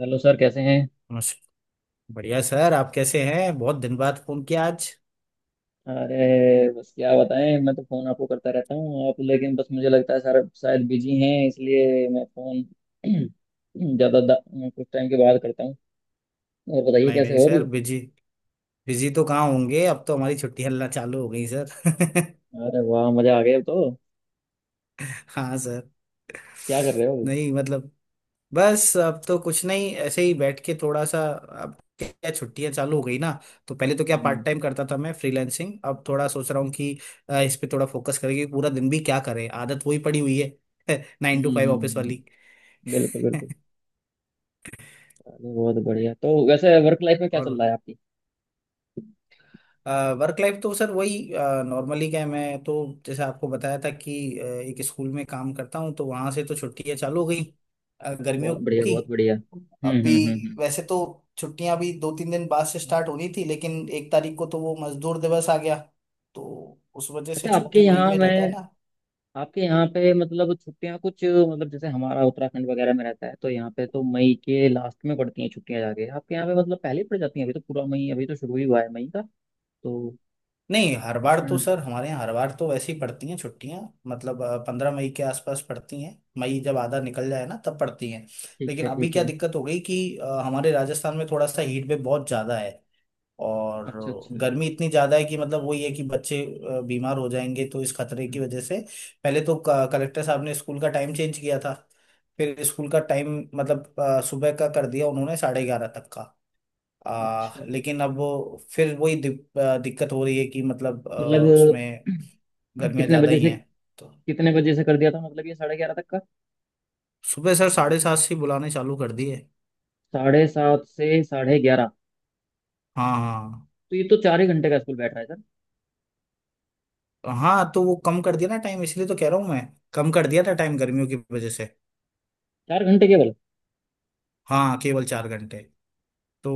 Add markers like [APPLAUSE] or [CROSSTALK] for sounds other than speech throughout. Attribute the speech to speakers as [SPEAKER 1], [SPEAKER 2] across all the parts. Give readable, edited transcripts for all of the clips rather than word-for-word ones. [SPEAKER 1] Hello sir, कैसे हैं।
[SPEAKER 2] नमस्कार। बढ़िया सर, आप कैसे हैं? बहुत दिन बाद फोन किया आज।
[SPEAKER 1] अरे बस क्या बताएं, मैं तो फ़ोन आपको करता रहता हूँ आप, लेकिन बस मुझे लगता है सर शायद बिजी हैं, इसलिए मैं फ़ोन [CLEARS THROAT] ज़्यादा दा- कुछ टाइम के बाद करता हूँ। और बताइए
[SPEAKER 2] नहीं
[SPEAKER 1] कैसे
[SPEAKER 2] नहीं
[SPEAKER 1] हो अभी।
[SPEAKER 2] सर, बिजी बिजी तो कहाँ होंगे, अब तो हमारी छुट्टी हल्ला चालू हो गई सर।
[SPEAKER 1] अरे वाह, मज़ा आ गया अब तो।
[SPEAKER 2] [LAUGHS] हाँ सर।
[SPEAKER 1] क्या कर रहे हो अभी?
[SPEAKER 2] नहीं मतलब बस अब तो कुछ नहीं, ऐसे ही बैठ के थोड़ा सा। अब क्या, छुट्टियां चालू हो गई ना, तो पहले तो क्या
[SPEAKER 1] हम्म,
[SPEAKER 2] पार्ट
[SPEAKER 1] हम्म।
[SPEAKER 2] टाइम करता था मैं फ्रीलांसिंग, अब थोड़ा सोच रहा हूँ कि इस पे थोड़ा फोकस करेंगे। पूरा दिन भी क्या करें, आदत वही पड़ी हुई है। [LAUGHS] नाइन टू फाइव ऑफिस वाली।
[SPEAKER 1] हम्म। बिल्कुल बिल्कुल। अरे बहुत बढ़िया। तो वैसे वर्क लाइफ में क्या चल
[SPEAKER 2] और
[SPEAKER 1] रहा है आपकी?
[SPEAKER 2] वर्क लाइफ तो सर वही नॉर्मली क्या है, मैं तो जैसे आपको बताया था कि एक स्कूल में काम करता हूँ, तो वहां से तो छुट्टियां चालू हो
[SPEAKER 1] अच्छा।
[SPEAKER 2] गई गर्मियों
[SPEAKER 1] बहुत बढ़िया,
[SPEAKER 2] की।
[SPEAKER 1] बहुत बढ़िया। हम्म,
[SPEAKER 2] अभी
[SPEAKER 1] हम्म, हम्म,
[SPEAKER 2] वैसे तो छुट्टियां भी 2-3 दिन बाद से स्टार्ट होनी थी, लेकिन 1 तारीख को तो वो मजदूर दिवस आ गया, तो उस वजह से
[SPEAKER 1] अच्छा,
[SPEAKER 2] छुट्टी मई में रहता है ना।
[SPEAKER 1] आपके यहाँ पे मतलब छुट्टियां कुछ, मतलब जैसे हमारा उत्तराखंड वगैरह में रहता है तो यहाँ पे तो मई के लास्ट में पड़ती हैं छुट्टियां, जाके आपके यहाँ पे मतलब पहले ही पड़ जाती हैं। अभी तो पूरा मई, अभी तो शुरू ही हुआ है मई का। तो
[SPEAKER 2] नहीं हर बार
[SPEAKER 1] अच्छा।
[SPEAKER 2] तो सर, हमारे यहाँ हर बार तो वैसे ही पड़ती हैं छुट्टियाँ। मतलब 15 मई के आसपास पड़ती हैं, मई जब आधा निकल जाए ना तब पड़ती हैं।
[SPEAKER 1] ठीक
[SPEAKER 2] लेकिन
[SPEAKER 1] है
[SPEAKER 2] अभी
[SPEAKER 1] ठीक
[SPEAKER 2] क्या
[SPEAKER 1] है।
[SPEAKER 2] दिक्कत हो गई कि हमारे राजस्थान में थोड़ा सा हीट वेव बहुत ज़्यादा है, और
[SPEAKER 1] अच्छा, अच्छा।
[SPEAKER 2] गर्मी इतनी ज़्यादा है कि मतलब वही है कि बच्चे बीमार हो जाएंगे, तो इस खतरे
[SPEAKER 1] हम्म।
[SPEAKER 2] की वजह से पहले तो कलेक्टर साहब ने स्कूल का टाइम चेंज किया था। फिर स्कूल का टाइम मतलब सुबह का कर दिया उन्होंने 11:30 तक का।
[SPEAKER 1] अच्छा,
[SPEAKER 2] लेकिन अब वो फिर वही दिक्कत हो रही है कि मतलब
[SPEAKER 1] मतलब
[SPEAKER 2] उसमें
[SPEAKER 1] [CLEARS THROAT]
[SPEAKER 2] गर्मियाँ
[SPEAKER 1] कितने
[SPEAKER 2] ज़्यादा
[SPEAKER 1] बजे
[SPEAKER 2] ही
[SPEAKER 1] से
[SPEAKER 2] हैं तो।
[SPEAKER 1] कितने बजे से कर दिया था, मतलब ये 11:30 तक का?
[SPEAKER 2] सुबह सर 7:30 से ही बुलाने चालू कर दिए।
[SPEAKER 1] 7:30 से 11:30?
[SPEAKER 2] हाँ हाँ
[SPEAKER 1] तो ये तो 4 ही घंटे का स्कूल बैठ रहा है सर।
[SPEAKER 2] हाँ तो वो कम कर दिया ना टाइम, इसलिए तो कह रहा हूँ मैं, कम कर दिया था टाइम गर्मियों की वजह से।
[SPEAKER 1] 4 घंटे केवल?
[SPEAKER 2] हाँ केवल 4 घंटे। तो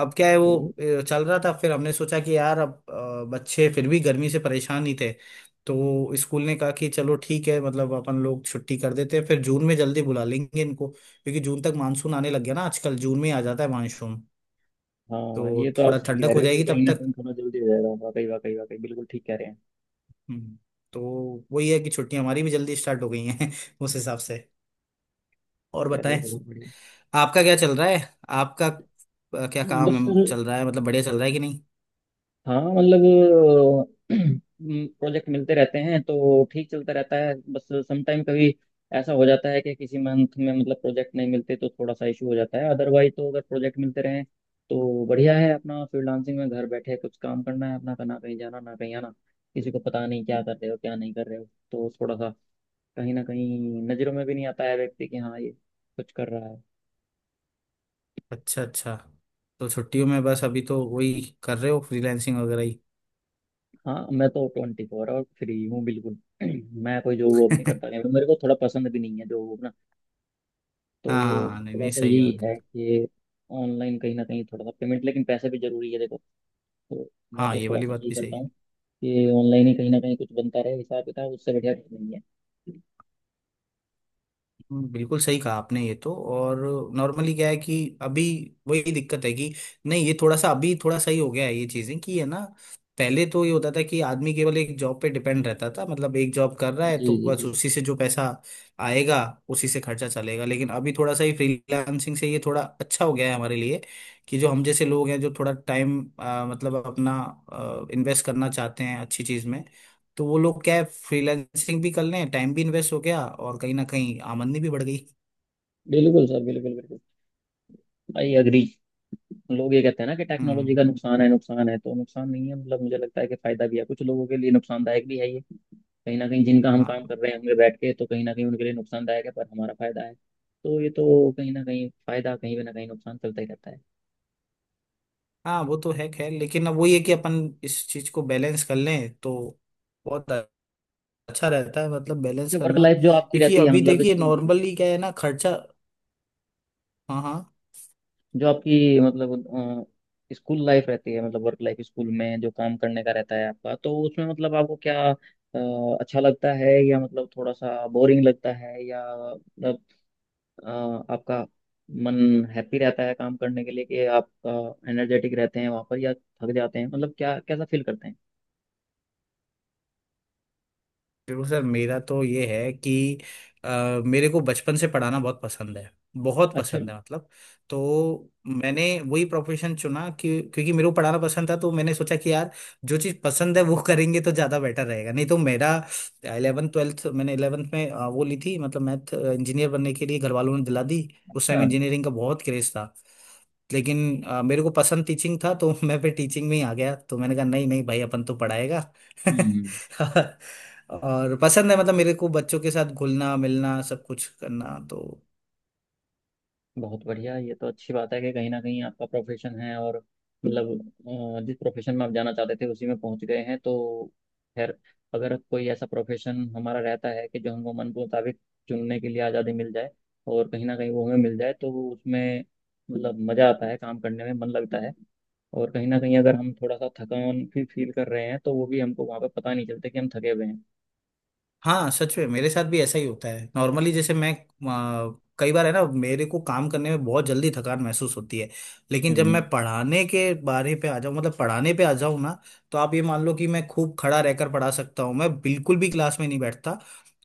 [SPEAKER 2] अब क्या है वो
[SPEAKER 1] बढ़िया।
[SPEAKER 2] चल रहा था, फिर हमने सोचा कि यार अब बच्चे फिर भी गर्मी से परेशान ही थे, तो स्कूल ने कहा कि चलो ठीक है, मतलब अपन लोग छुट्टी कर देते हैं, फिर जून में जल्दी बुला लेंगे इनको, क्योंकि जून तक मानसून आने लग गया ना, आजकल जून में ही आ जाता है मानसून,
[SPEAKER 1] हाँ, ये
[SPEAKER 2] तो
[SPEAKER 1] तो आप
[SPEAKER 2] थोड़ा
[SPEAKER 1] सही
[SPEAKER 2] ठंडक
[SPEAKER 1] कह
[SPEAKER 2] हो
[SPEAKER 1] रहे हो कि
[SPEAKER 2] जाएगी
[SPEAKER 1] कहीं
[SPEAKER 2] तब
[SPEAKER 1] ना
[SPEAKER 2] तक।
[SPEAKER 1] कहीं थोड़ा जल्दी हो जाएगा, वाकई वाकई वाकई बिल्कुल ठीक कह रहे
[SPEAKER 2] हम्म, तो वही है कि छुट्टियां हमारी भी जल्दी स्टार्ट हो गई हैं। [LAUGHS] उस
[SPEAKER 1] हैं।
[SPEAKER 2] हिसाब से। और
[SPEAKER 1] चलिए
[SPEAKER 2] बताएं
[SPEAKER 1] बहुत बढ़िया।
[SPEAKER 2] आपका क्या चल रहा है, आपका क्या
[SPEAKER 1] बस
[SPEAKER 2] काम
[SPEAKER 1] सर,
[SPEAKER 2] चल रहा है, मतलब बढ़िया चल रहा है कि नहीं।
[SPEAKER 1] हाँ मतलब [CLEARS THROAT] प्रोजेक्ट मिलते रहते हैं तो ठीक चलता रहता है। बस समटाइम कभी ऐसा हो जाता है कि किसी मंथ में मतलब प्रोजेक्ट नहीं मिलते तो थोड़ा सा इशू हो जाता है। अदरवाइज तो अगर प्रोजेक्ट मिलते रहें तो बढ़िया है। अपना फ्रीलांसिंग में घर बैठे कुछ काम करना है अपना, का ना कहीं जाना, ना कहीं आना। किसी को पता नहीं क्या कर रहे हो, क्या नहीं कर रहे हो। तो थोड़ा सा कहीं ना कहीं नज़रों में भी नहीं आता है व्यक्ति कि हाँ ये कुछ कर रहा है।
[SPEAKER 2] अच्छा अच्छा, तो छुट्टियों में बस अभी तो वही कर रहे हो फ्रीलैंसिंग वगैरह ही।
[SPEAKER 1] हाँ, मैं तो 24 और फ्री हूँ बिल्कुल। [CLEARS THROAT] मैं कोई जॉब वॉब नहीं करता।
[SPEAKER 2] [LAUGHS]
[SPEAKER 1] मेरे को थोड़ा पसंद भी नहीं है जॉब वॉब ना। तो
[SPEAKER 2] हाँ नहीं
[SPEAKER 1] थोड़ा
[SPEAKER 2] नहीं
[SPEAKER 1] सा
[SPEAKER 2] सही
[SPEAKER 1] यही
[SPEAKER 2] बात
[SPEAKER 1] है
[SPEAKER 2] है।
[SPEAKER 1] कि ऑनलाइन कहीं ना कहीं थोड़ा सा पेमेंट, लेकिन पैसे भी जरूरी है देखो। तो मैं
[SPEAKER 2] हाँ
[SPEAKER 1] तो
[SPEAKER 2] ये
[SPEAKER 1] थोड़ा
[SPEAKER 2] वाली
[SPEAKER 1] सा
[SPEAKER 2] बात
[SPEAKER 1] यही
[SPEAKER 2] भी सही
[SPEAKER 1] करता
[SPEAKER 2] है।
[SPEAKER 1] हूँ कि ऑनलाइन ही कहीं ना कहीं कुछ बनता रहे हिसाब किताब, उससे बढ़िया कुछ नहीं है।
[SPEAKER 2] बिल्कुल सही कहा आपने ये तो। और नॉर्मली क्या है कि अभी वही दिक्कत है कि नहीं, ये थोड़ा सा अभी थोड़ा सही हो गया है ये चीजें, कि है ना, पहले तो ये होता था कि आदमी केवल एक जॉब पे डिपेंड रहता था, मतलब एक जॉब कर रहा है
[SPEAKER 1] जी
[SPEAKER 2] तो
[SPEAKER 1] जी
[SPEAKER 2] बस
[SPEAKER 1] जी।
[SPEAKER 2] उसी से जो पैसा आएगा उसी से खर्चा चलेगा, लेकिन अभी थोड़ा सा ये फ्रीलांसिंग से ये थोड़ा अच्छा हो गया है हमारे लिए, कि जो हम जैसे लोग हैं जो थोड़ा टाइम मतलब अपना इन्वेस्ट करना चाहते हैं अच्छी चीज में, तो वो लोग क्या है फ्रीलांसिंग भी कर लें, टाइम भी इन्वेस्ट हो गया और कहीं ना कहीं आमदनी भी बढ़ गई।
[SPEAKER 1] बिल्कुल सर, बिल्कुल बिल्कुल। I agree. लोग ये कहते हैं ना कि टेक्नोलॉजी
[SPEAKER 2] हम्म।
[SPEAKER 1] का नुकसान है, नुकसान है तो नुकसान नहीं है, मतलब मुझे लगता है कि फायदा भी है, कुछ लोगों के लिए नुकसानदायक भी है। कहीं ना कहीं जिनका हम काम
[SPEAKER 2] हाँ
[SPEAKER 1] कर रहे होंगे बैठ के तो कहीं ना कहीं उनके लिए नुकसानदायक है, पर हमारा फायदा है, तो ये तो कहीं ना कहीं फायदा कहीं पे ना कहीं नुकसान चलता ही रहता है।
[SPEAKER 2] हाँ वो तो है, खैर लेकिन अब वही है कि अपन इस चीज को बैलेंस कर लें तो बहुत अच्छा रहता है मतलब, बैलेंस
[SPEAKER 1] अच्छा, वर्क
[SPEAKER 2] करना,
[SPEAKER 1] लाइफ जो आपकी
[SPEAKER 2] क्योंकि
[SPEAKER 1] रहती है
[SPEAKER 2] अभी
[SPEAKER 1] मतलब
[SPEAKER 2] देखिए
[SPEAKER 1] स्कूल की,
[SPEAKER 2] नॉर्मली क्या है ना खर्चा। हाँ हाँ
[SPEAKER 1] जो आपकी मतलब स्कूल लाइफ रहती है मतलब वर्क लाइफ, स्कूल में जो काम करने का रहता है आपका, तो उसमें मतलब आपको क्या अच्छा लगता है या मतलब थोड़ा सा बोरिंग लगता है, या मतलब अ, आपका मन हैप्पी रहता है काम करने के लिए कि आप एनर्जेटिक रहते हैं वहां पर, या थक जाते हैं मतलब क्या कैसा फील करते हैं?
[SPEAKER 2] बिल्कुल सर, मेरा तो ये है कि अ, मेरे को बचपन से पढ़ाना बहुत पसंद है, बहुत
[SPEAKER 1] अच्छा।
[SPEAKER 2] पसंद है मतलब। तो मैंने वही प्रोफेशन चुना कि क्योंकि मेरे को पढ़ाना पसंद था, तो मैंने सोचा कि यार जो चीज़ पसंद है वो करेंगे तो ज़्यादा बेटर रहेगा, नहीं तो मेरा इलेवन ट्वेल्थ मैंने इलेवंथ में वो ली थी, मतलब मैथ, इंजीनियर बनने के लिए घर वालों ने दिला दी। उस
[SPEAKER 1] अच्छा।
[SPEAKER 2] टाइम इंजीनियरिंग का बहुत क्रेज था, लेकिन मेरे को पसंद टीचिंग था, तो [LAUGHS] मैं फिर टीचिंग में ही आ गया, तो मैंने कहा नहीं नहीं भाई अपन तो पढ़ाएगा।
[SPEAKER 1] हम्म।
[SPEAKER 2] [LAUGHS] और पसंद है मतलब मेरे को बच्चों के साथ घुलना मिलना सब कुछ करना तो।
[SPEAKER 1] बहुत बढ़िया, ये तो अच्छी बात है कि कहीं ना कहीं आपका प्रोफेशन है और मतलब जिस प्रोफेशन में आप जाना चाहते थे उसी में पहुंच गए हैं, तो खैर। अगर कोई ऐसा प्रोफेशन हमारा रहता है कि जो हमको मन मुताबिक चुनने के लिए आज़ादी मिल जाए, और कहीं ना कहीं वो हमें मिल जाए, तो वो उसमें मतलब मज़ा आता है काम करने में, मन लगता है। और कहीं ना कहीं अगर हम थोड़ा सा थकान भी फील कर रहे हैं, तो वो भी हमको वहाँ पे पता नहीं चलता कि हम थके हुए हैं।
[SPEAKER 2] हाँ सच में मेरे साथ भी ऐसा ही होता है, नॉर्मली जैसे मैं कई बार है ना मेरे को काम करने में बहुत जल्दी थकान महसूस होती है, लेकिन जब मैं
[SPEAKER 1] हम्म,
[SPEAKER 2] पढ़ाने के बारे पे आ जाऊँ मतलब पढ़ाने पे आ जाऊँ ना, तो आप ये मान लो कि मैं खूब खड़ा रहकर पढ़ा सकता हूँ, मैं बिल्कुल भी क्लास में नहीं बैठता,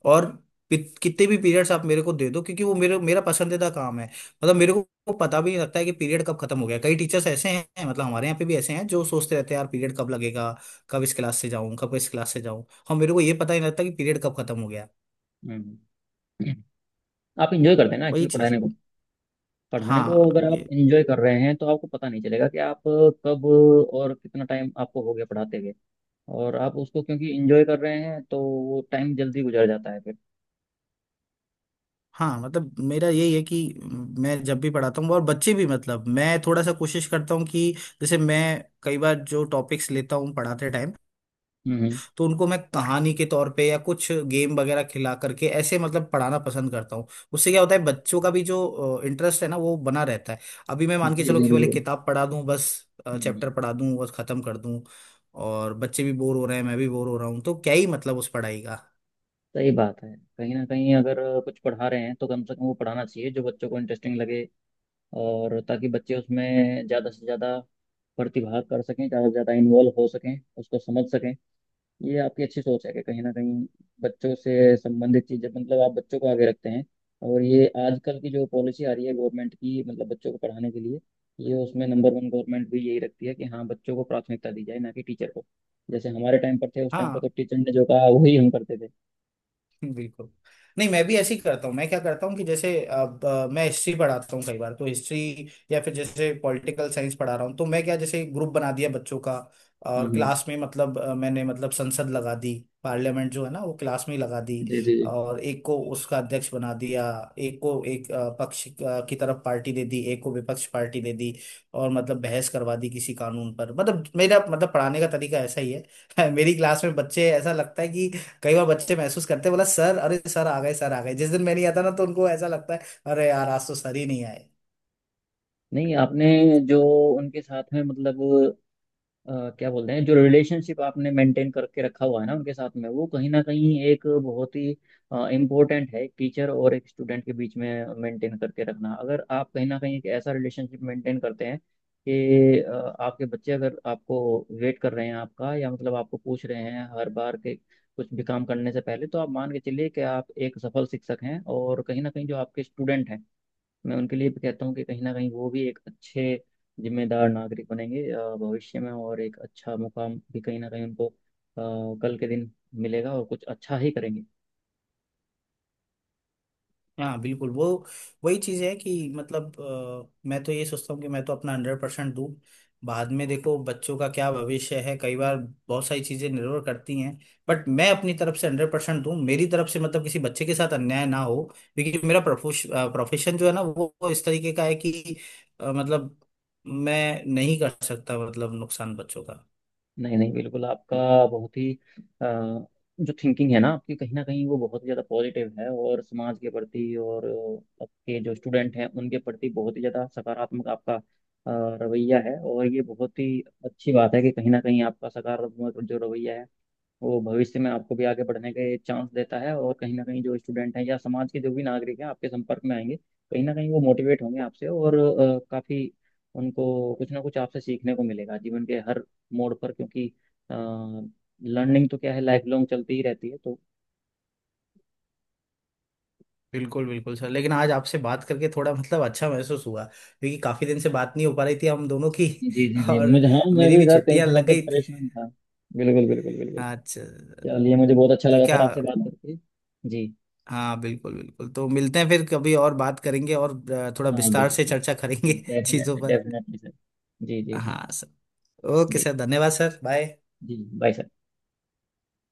[SPEAKER 2] और कितने भी पीरियड्स आप मेरे को दे दो, क्योंकि वो मेरे मेरा पसंदीदा काम है, मतलब मेरे को पता भी नहीं लगता है कि पीरियड कब खत्म हो गया। कई टीचर्स ऐसे हैं, मतलब हमारे यहाँ पे भी ऐसे हैं, जो सोचते रहते हैं यार पीरियड कब लगेगा, कब इस क्लास से जाऊं कब इस क्लास से जाऊं, और मेरे को ये पता ही नहीं लगता कि पीरियड कब खत्म हो गया।
[SPEAKER 1] हम्म। हम्म। आप इंजॉय करते हैं
[SPEAKER 2] तो
[SPEAKER 1] ना
[SPEAKER 2] वही
[SPEAKER 1] एक्चुअली
[SPEAKER 2] चीज
[SPEAKER 1] पढ़ाने
[SPEAKER 2] है।
[SPEAKER 1] को। पढ़ाने को
[SPEAKER 2] हाँ
[SPEAKER 1] अगर आप
[SPEAKER 2] ये
[SPEAKER 1] एंजॉय कर रहे हैं तो आपको पता नहीं चलेगा कि आप कब और कितना टाइम आपको हो गया पढ़ाते हुए, और आप उसको क्योंकि एंजॉय कर रहे हैं तो वो टाइम जल्दी गुजर जाता है फिर।
[SPEAKER 2] हाँ मतलब मेरा यही है कि मैं जब भी पढ़ाता हूँ और बच्चे भी, मतलब मैं थोड़ा सा कोशिश करता हूँ कि जैसे मैं कई बार जो टॉपिक्स लेता हूँ पढ़ाते टाइम,
[SPEAKER 1] हम्म, हम्म।
[SPEAKER 2] तो उनको मैं कहानी के तौर पे या कुछ गेम वगैरह खिला करके ऐसे मतलब पढ़ाना पसंद करता हूँ। उससे क्या होता है बच्चों का भी जो इंटरेस्ट है ना वो बना रहता है। अभी मैं मान के
[SPEAKER 1] जी
[SPEAKER 2] चलो
[SPEAKER 1] जी
[SPEAKER 2] केवल एक
[SPEAKER 1] बिल्कुल।
[SPEAKER 2] किताब पढ़ा दूँ, बस
[SPEAKER 1] हम्म।
[SPEAKER 2] चैप्टर पढ़ा दूँ बस खत्म कर दूँ, और बच्चे भी बोर हो रहे हैं मैं भी बोर हो रहा हूँ, तो क्या ही मतलब उस पढ़ाई का।
[SPEAKER 1] सही बात है। कहीं ना कहीं अगर कुछ पढ़ा रहे हैं तो कम से कम वो पढ़ाना चाहिए जो बच्चों को इंटरेस्टिंग लगे, और ताकि बच्चे उसमें ज़्यादा से ज़्यादा प्रतिभाग कर सकें, ज़्यादा से ज़्यादा इन्वॉल्व हो सकें, उसको समझ सकें। ये आपकी अच्छी सोच है कि कहीं ना कहीं बच्चों से संबंधित चीजें मतलब आप बच्चों को आगे रखते हैं। और ये आजकल की जो पॉलिसी आ रही है गवर्नमेंट की मतलब बच्चों को पढ़ाने के लिए, ये उसमें नंबर वन गवर्नमेंट भी यही रखती है कि हाँ बच्चों को प्राथमिकता दी जाए, ना कि टीचर को। जैसे हमारे टाइम पर थे, उस टाइम
[SPEAKER 2] हाँ
[SPEAKER 1] पर तो टीचर ने जो कहा वही हम करते थे।
[SPEAKER 2] बिल्कुल, नहीं मैं भी ऐसे ही करता हूँ। मैं क्या करता हूँ कि जैसे अब मैं हिस्ट्री पढ़ाता हूँ, कई बार तो हिस्ट्री या फिर जैसे पॉलिटिकल साइंस पढ़ा रहा हूँ, तो मैं क्या, जैसे ग्रुप बना दिया बच्चों का, और
[SPEAKER 1] हम्म,
[SPEAKER 2] क्लास में मतलब मैंने मतलब संसद लगा दी, पार्लियामेंट जो है ना वो क्लास में ही लगा दी,
[SPEAKER 1] जी जी जी।
[SPEAKER 2] और एक को उसका अध्यक्ष बना दिया, एक को एक पक्ष की तरफ पार्टी दे दी, एक को विपक्ष पार्टी दे दी, और मतलब बहस करवा दी किसी कानून पर। मतलब मेरा मतलब पढ़ाने का तरीका ऐसा ही है। [LAUGHS] मेरी क्लास में बच्चे ऐसा लगता है कि कई बार बच्चे महसूस करते हैं, बोला सर अरे सर आ गए सर आ गए, जिस दिन मैं नहीं आता ना तो उनको ऐसा लगता है अरे यार आज तो सर ही नहीं आए।
[SPEAKER 1] नहीं, आपने जो उनके साथ में मतलब क्या बोलते हैं जो रिलेशनशिप आपने मेंटेन करके रखा हुआ है ना उनके साथ में, वो कहीं ना कहीं एक बहुत ही इम्पोर्टेंट है टीचर और एक स्टूडेंट के बीच में मेंटेन करके रखना। अगर आप कहीं ना कहीं एक ऐसा रिलेशनशिप मेंटेन करते हैं कि आपके बच्चे अगर आपको वेट कर रहे हैं आपका, या मतलब आपको पूछ रहे हैं हर बार के कुछ भी काम करने से पहले, तो आप मान के चलिए कि आप एक सफल शिक्षक हैं। और कहीं ना कहीं जो आपके स्टूडेंट हैं, मैं उनके लिए भी कहता हूँ कि कहीं ना कहीं वो भी एक अच्छे जिम्मेदार नागरिक बनेंगे भविष्य में, और एक अच्छा मुकाम भी कहीं ना कहीं उनको कल के दिन मिलेगा और कुछ अच्छा ही करेंगे।
[SPEAKER 2] हाँ बिल्कुल, वो वही चीज है कि मतलब मैं तो ये सोचता हूँ कि मैं तो अपना 100% दूँ, बाद में देखो बच्चों का क्या भविष्य है, कई बार बहुत सारी चीजें निर्भर करती हैं, बट मैं अपनी तरफ से 100% दूँ मेरी तरफ से, मतलब किसी बच्चे के साथ अन्याय ना हो, क्योंकि मेरा प्रोफेशन जो है ना वो इस तरीके का है कि मतलब मैं नहीं कर सकता मतलब नुकसान बच्चों का।
[SPEAKER 1] नहीं नहीं बिल्कुल, आपका बहुत ही जो थिंकिंग है ना आपकी, कहीं ना कहीं वो बहुत ही ज़्यादा पॉजिटिव है, और समाज के प्रति और आपके जो स्टूडेंट हैं उनके प्रति बहुत ही ज़्यादा सकारात्मक आपका रवैया है। और ये बहुत ही अच्छी बात है कि कहीं ना कहीं आपका सकारात्मक जो रवैया है वो भविष्य में आपको भी आगे बढ़ने के चांस देता है। और कहीं ना कहीं जो स्टूडेंट हैं या समाज के जो भी नागरिक हैं आपके संपर्क में आएंगे, कहीं ना कहीं वो मोटिवेट होंगे आपसे, और काफी उनको कुछ ना कुछ आपसे सीखने को मिलेगा जीवन के हर मोड़ पर, क्योंकि लर्निंग तो क्या है लाइफ लॉन्ग चलती ही रहती है तो।
[SPEAKER 2] बिल्कुल बिल्कुल सर, लेकिन आज आपसे बात करके थोड़ा मतलब अच्छा महसूस हुआ, क्योंकि काफी दिन से बात नहीं हो पा रही थी हम दोनों की।
[SPEAKER 1] जी जी
[SPEAKER 2] [LAUGHS]
[SPEAKER 1] जी,
[SPEAKER 2] और
[SPEAKER 1] मुझे, हाँ मैं
[SPEAKER 2] मेरी
[SPEAKER 1] भी
[SPEAKER 2] भी
[SPEAKER 1] सर कई
[SPEAKER 2] छुट्टियां
[SPEAKER 1] दिनों
[SPEAKER 2] लग
[SPEAKER 1] से
[SPEAKER 2] गई थी।
[SPEAKER 1] परेशान था। बिल्कुल बिल्कुल बिल्कुल।
[SPEAKER 2] अच्छा।
[SPEAKER 1] चलिए मुझे बहुत अच्छा
[SPEAKER 2] तो
[SPEAKER 1] लगा
[SPEAKER 2] क्या,
[SPEAKER 1] सर आपसे बात करके। जी।
[SPEAKER 2] हाँ बिल्कुल बिल्कुल, तो मिलते हैं फिर कभी और बात करेंगे और थोड़ा
[SPEAKER 1] हाँ
[SPEAKER 2] विस्तार
[SPEAKER 1] बिल्कुल
[SPEAKER 2] से
[SPEAKER 1] सर,
[SPEAKER 2] चर्चा करेंगे [LAUGHS] चीजों
[SPEAKER 1] डेफिनेटली
[SPEAKER 2] पर।
[SPEAKER 1] Definitely sir. जी जी जी।
[SPEAKER 2] हाँ सर। ओके
[SPEAKER 1] जी।
[SPEAKER 2] सर, धन्यवाद सर, बाय।
[SPEAKER 1] जी बाय सर।